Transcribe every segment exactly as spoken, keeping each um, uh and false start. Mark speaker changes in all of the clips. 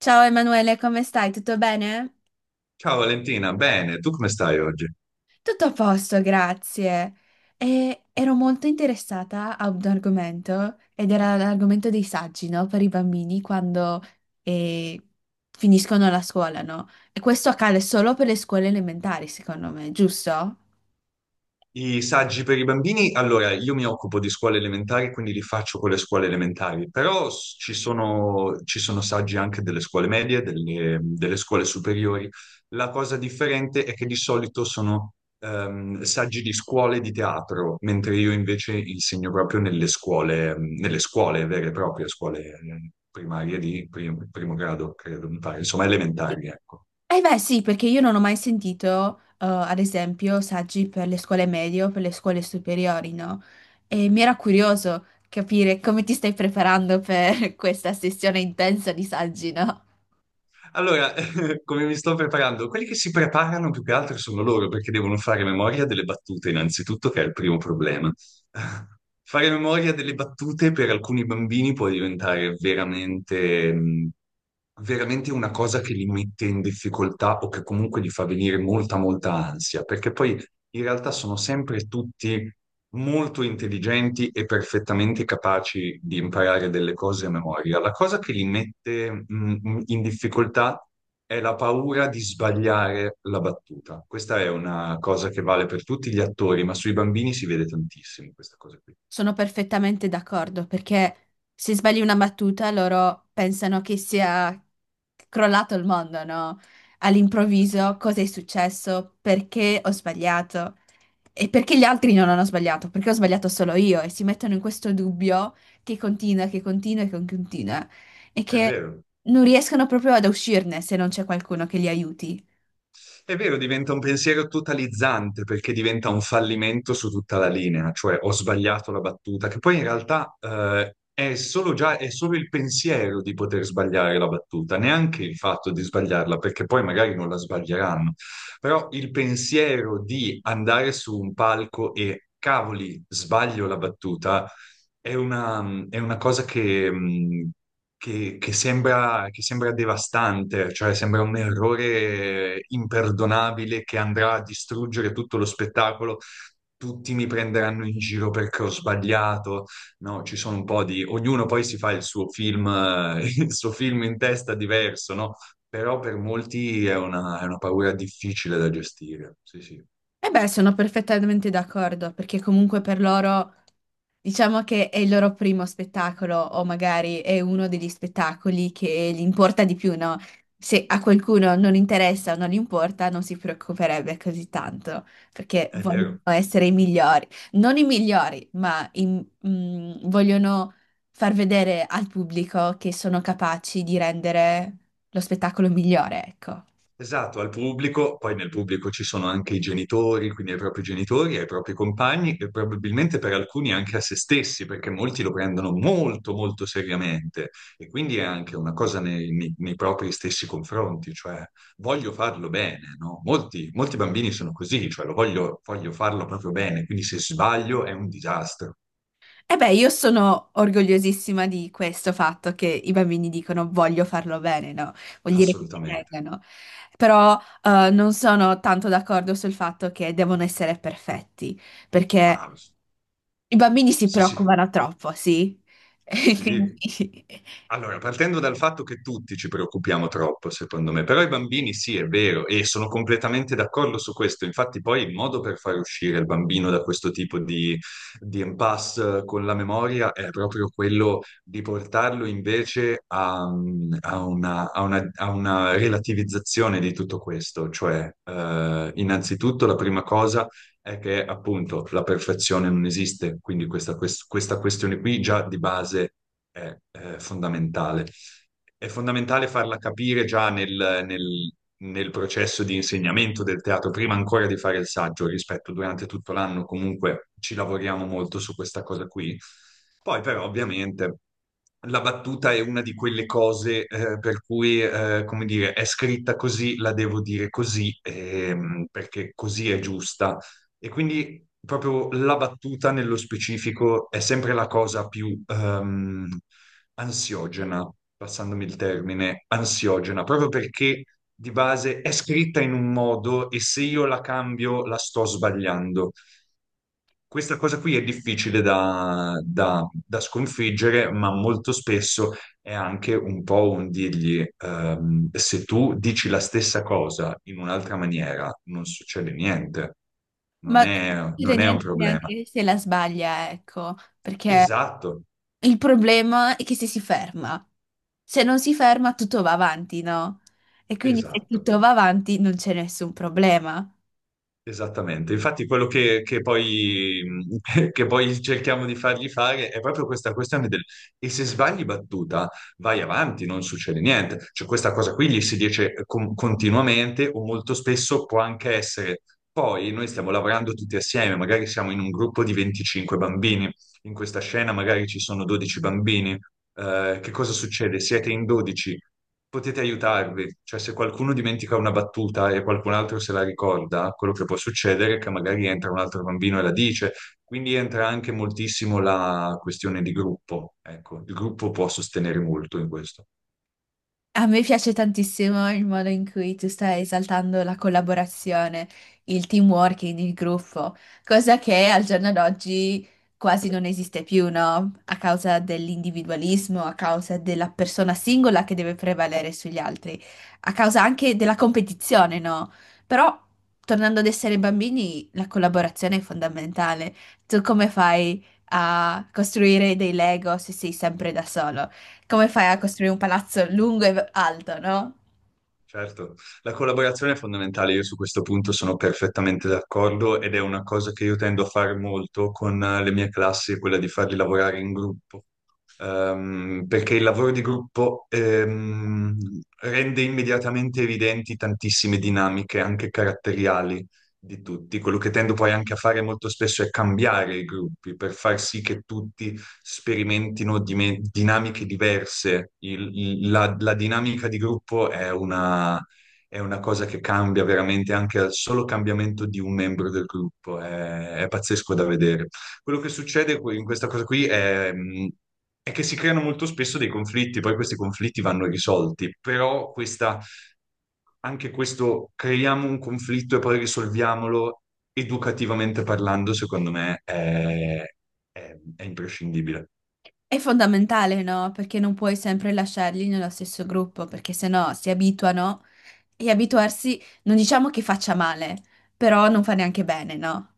Speaker 1: Ciao Emanuele, come stai? Tutto bene?
Speaker 2: Ciao Valentina, bene, tu come stai oggi?
Speaker 1: Tutto a posto, grazie. E ero molto interessata a un argomento ed era l'argomento dei saggi, no? Per i bambini quando eh, finiscono la scuola, no? E questo accade solo per le scuole elementari, secondo me, giusto?
Speaker 2: I saggi per i bambini, allora io mi occupo di scuole elementari, quindi li faccio con le scuole elementari, però s- ci sono, ci sono saggi anche delle scuole medie, delle, delle scuole superiori. La cosa differente è che di solito sono ehm, saggi di scuole di teatro, mentre io invece insegno proprio nelle scuole, nelle scuole vere e proprie, scuole eh, primarie di prim- primo grado, credo, mi pare, insomma elementari, ecco.
Speaker 1: Eh beh sì, perché io non ho mai sentito, eh, ad esempio, saggi per le scuole medie o per le scuole superiori, no? E mi era curioso capire come ti stai preparando per questa sessione intensa di saggi, no?
Speaker 2: Allora, come mi sto preparando? Quelli che si preparano più che altro sono loro, perché devono fare memoria delle battute, innanzitutto, che è il primo problema. Fare memoria delle battute per alcuni bambini può diventare veramente, mh, veramente una cosa che li mette in difficoltà o che comunque gli fa venire molta, molta ansia, perché poi in realtà sono sempre tutti molto intelligenti e perfettamente capaci di imparare delle cose a memoria. La cosa che li mette mm, in difficoltà è la paura di sbagliare la battuta. Questa è una cosa che vale per tutti gli attori, ma sui bambini si vede tantissimo questa cosa qui.
Speaker 1: Sono perfettamente d'accordo perché se sbagli una battuta loro pensano che sia crollato il mondo, no?
Speaker 2: Eh sì.
Speaker 1: All'improvviso cosa è successo? Perché ho sbagliato? E perché gli altri non hanno sbagliato? Perché ho sbagliato solo io? E si mettono in questo dubbio che continua, che continua e che continua e
Speaker 2: È
Speaker 1: che
Speaker 2: vero.
Speaker 1: non riescono proprio ad uscirne se non c'è qualcuno che li aiuti.
Speaker 2: È vero, diventa un pensiero totalizzante perché diventa un fallimento su tutta la linea, cioè ho sbagliato la battuta, che poi in realtà eh, è solo già, è solo il pensiero di poter sbagliare la battuta, neanche il fatto di sbagliarla, perché poi magari non la sbaglieranno, però il pensiero di andare su un palco e cavoli, sbaglio la battuta, è una, è una cosa che, mh, che- che sembra, che sembra devastante, cioè sembra un errore imperdonabile che andrà a distruggere tutto lo spettacolo. Tutti mi prenderanno in giro perché ho sbagliato. No, ci sono un po' di... Ognuno poi si fa il suo film, eh, il suo film in testa diverso, no? Però per molti è una, è una paura difficile da gestire. Sì, sì,
Speaker 1: E beh, sono perfettamente d'accordo perché comunque per loro. Diciamo che è il loro primo spettacolo o magari è uno degli spettacoli che gli importa di più, no? Se a qualcuno non interessa o non gli importa, non si preoccuperebbe così tanto, perché
Speaker 2: è
Speaker 1: vogliono
Speaker 2: vero.
Speaker 1: essere i migliori. Non i migliori, ma i- mm, vogliono far vedere al pubblico che sono capaci di rendere lo spettacolo migliore, ecco.
Speaker 2: Esatto, al pubblico, poi nel pubblico ci sono anche i genitori, quindi ai propri genitori, ai propri compagni e probabilmente per alcuni anche a se stessi, perché molti lo prendono molto molto seriamente e quindi è anche una cosa nei, nei- nei propri stessi confronti, cioè voglio farlo bene, no? Molti, molti bambini sono così, cioè lo voglio, voglio farlo proprio bene, quindi se sbaglio è un disastro,
Speaker 1: E beh, io sono orgogliosissima di questo fatto che i bambini dicono voglio farlo bene, no? Vuol dire che ci
Speaker 2: assolutamente.
Speaker 1: tengano. Però eh, non sono tanto d'accordo sul fatto che devono essere perfetti, perché
Speaker 2: Ah, sì,
Speaker 1: i bambini si
Speaker 2: sì, sì,
Speaker 1: preoccupano troppo, sì? E
Speaker 2: sì.
Speaker 1: quindi
Speaker 2: Allora, partendo dal fatto che tutti ci preoccupiamo troppo, secondo me, però i bambini sì, è vero, e sono completamente d'accordo su questo. Infatti, poi il modo per far uscire il bambino da questo tipo di, di impasse con la memoria è proprio quello di portarlo invece a, a una, a una- a una relativizzazione di tutto questo. Cioè, eh, innanzitutto, la prima cosa è che appunto la perfezione non esiste, quindi questa, quest- questa questione qui già di base è, eh, fondamentale. È fondamentale farla capire già nel, nel- nel processo di insegnamento del teatro, prima ancora di fare il saggio, rispetto durante tutto l'anno comunque ci lavoriamo molto su questa cosa qui. Poi però ovviamente la battuta è una di quelle cose eh, per cui, eh, come dire, è scritta così, la devo dire così, ehm, perché così è giusta e quindi proprio la battuta nello specifico è sempre la cosa più ehm, ansiogena, passandomi il termine, ansiogena, proprio perché di base è scritta in un modo e se io la cambio la sto sbagliando. Questa cosa qui è difficile da, da- da sconfiggere, ma molto spesso è anche un po' un dirgli, ehm, se tu dici la stessa cosa in un'altra maniera, non succede niente,
Speaker 1: ma
Speaker 2: non
Speaker 1: non
Speaker 2: è,
Speaker 1: dire
Speaker 2: non è un
Speaker 1: niente
Speaker 2: problema.
Speaker 1: neanche se la sbaglia, ecco, perché
Speaker 2: Esatto,
Speaker 1: il problema è che se si ferma, se non si ferma tutto va avanti, no? E quindi se
Speaker 2: esatto.
Speaker 1: tutto va avanti non c'è nessun problema.
Speaker 2: Esattamente, infatti quello che, che poi, che poi cerchiamo di fargli fare è proprio questa questione del e se sbagli battuta vai avanti, non succede niente, cioè questa cosa qui gli si dice eh, con- continuamente o molto spesso può anche essere, poi noi stiamo lavorando tutti assieme, magari siamo in un gruppo di venticinque bambini, in questa scena magari ci sono dodici bambini. Eh, che cosa succede? Siete in dodici, potete aiutarvi, cioè se qualcuno dimentica una battuta e qualcun altro se la ricorda, quello che può succedere è che magari entra un altro bambino e la dice, quindi entra anche moltissimo la questione di gruppo, ecco, il gruppo può sostenere molto in questo.
Speaker 1: A me piace tantissimo il modo in cui tu stai esaltando la collaborazione, il teamwork, in il gruppo, cosa che al giorno d'oggi quasi non esiste più, no? A causa dell'individualismo, a causa della persona singola che deve prevalere sugli altri, a causa anche della competizione, no? Però, tornando ad essere bambini, la collaborazione è fondamentale. Tu come fai a costruire dei Lego se sei sempre da solo? Come fai a costruire un palazzo lungo e alto, no?
Speaker 2: Certo, la collaborazione è fondamentale, io su questo punto sono perfettamente d'accordo ed è una cosa che io tendo a fare molto con eh, le mie classi, quella di farli lavorare in gruppo. ehm, perché il lavoro di gruppo ehm, rende immediatamente evidenti tantissime dinamiche, anche caratteriali di tutti. Quello che tendo poi anche a fare molto spesso è cambiare i gruppi per far sì che tutti sperimentino dime- dinamiche diverse. Il- il- la, la dinamica di gruppo è una, è una cosa che cambia veramente anche al solo cambiamento di un membro del gruppo. È, è pazzesco da vedere. Quello che succede qui- in questa cosa qui è è che si creano molto spesso dei conflitti, poi questi conflitti vanno risolti, però questa, anche questo creiamo un conflitto e poi risolviamolo educativamente parlando, secondo me è, è è imprescindibile.
Speaker 1: È fondamentale, no? Perché non puoi sempre lasciarli nello stesso gruppo, perché sennò si abituano e abituarsi non diciamo che faccia male, però non fa neanche bene, no?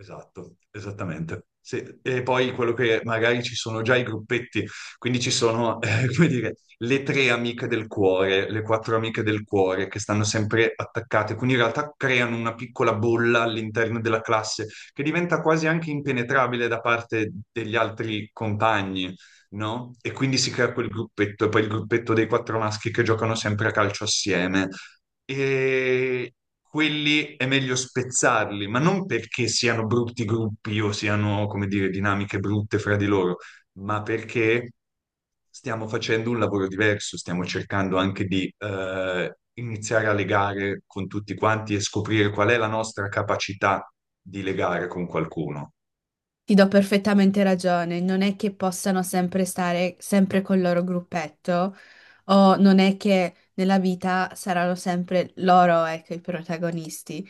Speaker 2: Esatto, esattamente. Sì. E poi quello che magari ci sono già i gruppetti, quindi ci sono, eh, come dire, le tre amiche del cuore, le quattro amiche del cuore che stanno sempre attaccate, quindi in realtà creano una piccola bolla all'interno della classe che diventa quasi anche impenetrabile da parte degli altri compagni, no? E quindi si crea quel gruppetto, e poi il gruppetto dei quattro maschi che giocano sempre a calcio assieme e quelli è meglio spezzarli, ma non perché siano brutti gruppi o siano, come dire, dinamiche brutte fra di loro, ma perché stiamo facendo un lavoro diverso, stiamo cercando anche di eh, iniziare a legare con tutti quanti e scoprire qual è la nostra capacità di legare con qualcuno.
Speaker 1: Ti do perfettamente ragione, non è che possano sempre stare sempre col loro gruppetto o non è che nella vita saranno sempre loro, ecco, i protagonisti.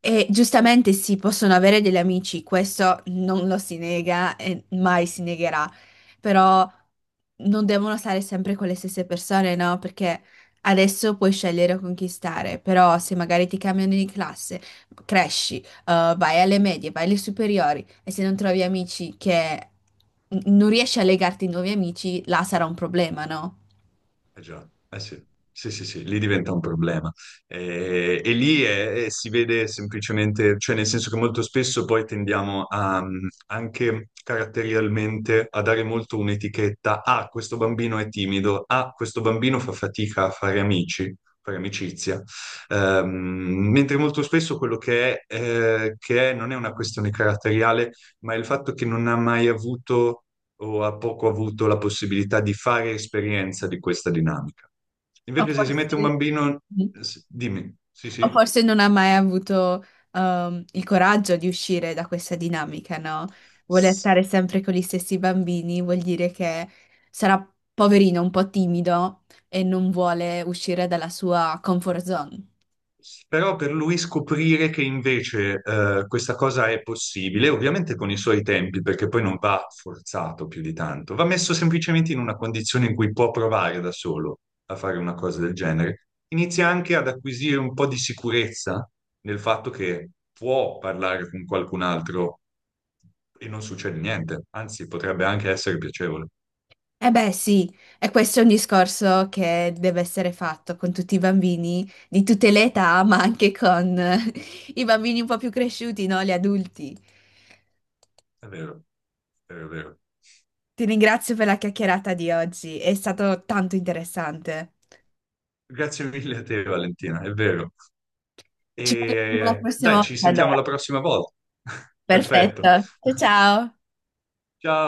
Speaker 1: E giustamente sì, possono avere degli amici, questo non lo si nega e mai si negherà, però non devono stare sempre con le stesse persone, no? Perché adesso puoi scegliere con chi stare, però se magari ti cambiano di classe, cresci, eh, vai alle medie, vai alle superiori e se non trovi amici che non riesci a legarti ai nuovi amici, là sarà un problema, no?
Speaker 2: Eh già, eh sì, sì, sì, sì, lì diventa un problema. Eh, E, lì è- è- si vede semplicemente, cioè nel senso che molto spesso poi tendiamo a, mm, anche caratterialmente a dare molto un'etichetta, ah, questo bambino è timido, ah, questo bambino fa fatica a fare amici, fare amicizia. Ehm, mentre molto spesso quello che è, eh, che è non è una questione caratteriale, ma è il fatto che non ha mai avuto o ha poco avuto la possibilità di fare esperienza di questa dinamica.
Speaker 1: Ma
Speaker 2: Invece se si mette un
Speaker 1: forse,
Speaker 2: bambino, s- dimmi, sì,
Speaker 1: o forse non ha mai avuto ehm, il coraggio di uscire da questa dinamica, no? Vuole
Speaker 2: sì.
Speaker 1: stare sempre con gli stessi bambini, vuol dire che sarà poverino, un po' timido e non vuole uscire dalla sua comfort zone.
Speaker 2: Però per lui scoprire che invece eh, questa cosa è possibile, ovviamente con i suoi tempi, perché poi non va forzato più di tanto, va messo semplicemente in una condizione in cui può provare da solo a fare una cosa del genere. Inizia anche ad acquisire un po' di sicurezza nel fatto che può parlare con qualcun altro e non succede niente, anzi potrebbe anche essere piacevole.
Speaker 1: Eh beh, sì, e questo è un discorso che deve essere fatto con tutti i bambini di tutte le età, ma anche con eh, i bambini un po' più cresciuti, no? Gli adulti.
Speaker 2: È vero, è vero, è vero.
Speaker 1: Ti ringrazio per la chiacchierata di oggi, è stato tanto interessante.
Speaker 2: Grazie mille a te, Valentina, è vero. E
Speaker 1: Ci parliamo la
Speaker 2: eh,
Speaker 1: prossima
Speaker 2: dai, ci
Speaker 1: volta,
Speaker 2: sentiamo
Speaker 1: allora.
Speaker 2: la prossima volta.
Speaker 1: Perfetto.
Speaker 2: Perfetto.
Speaker 1: Ciao ciao.
Speaker 2: Ciao.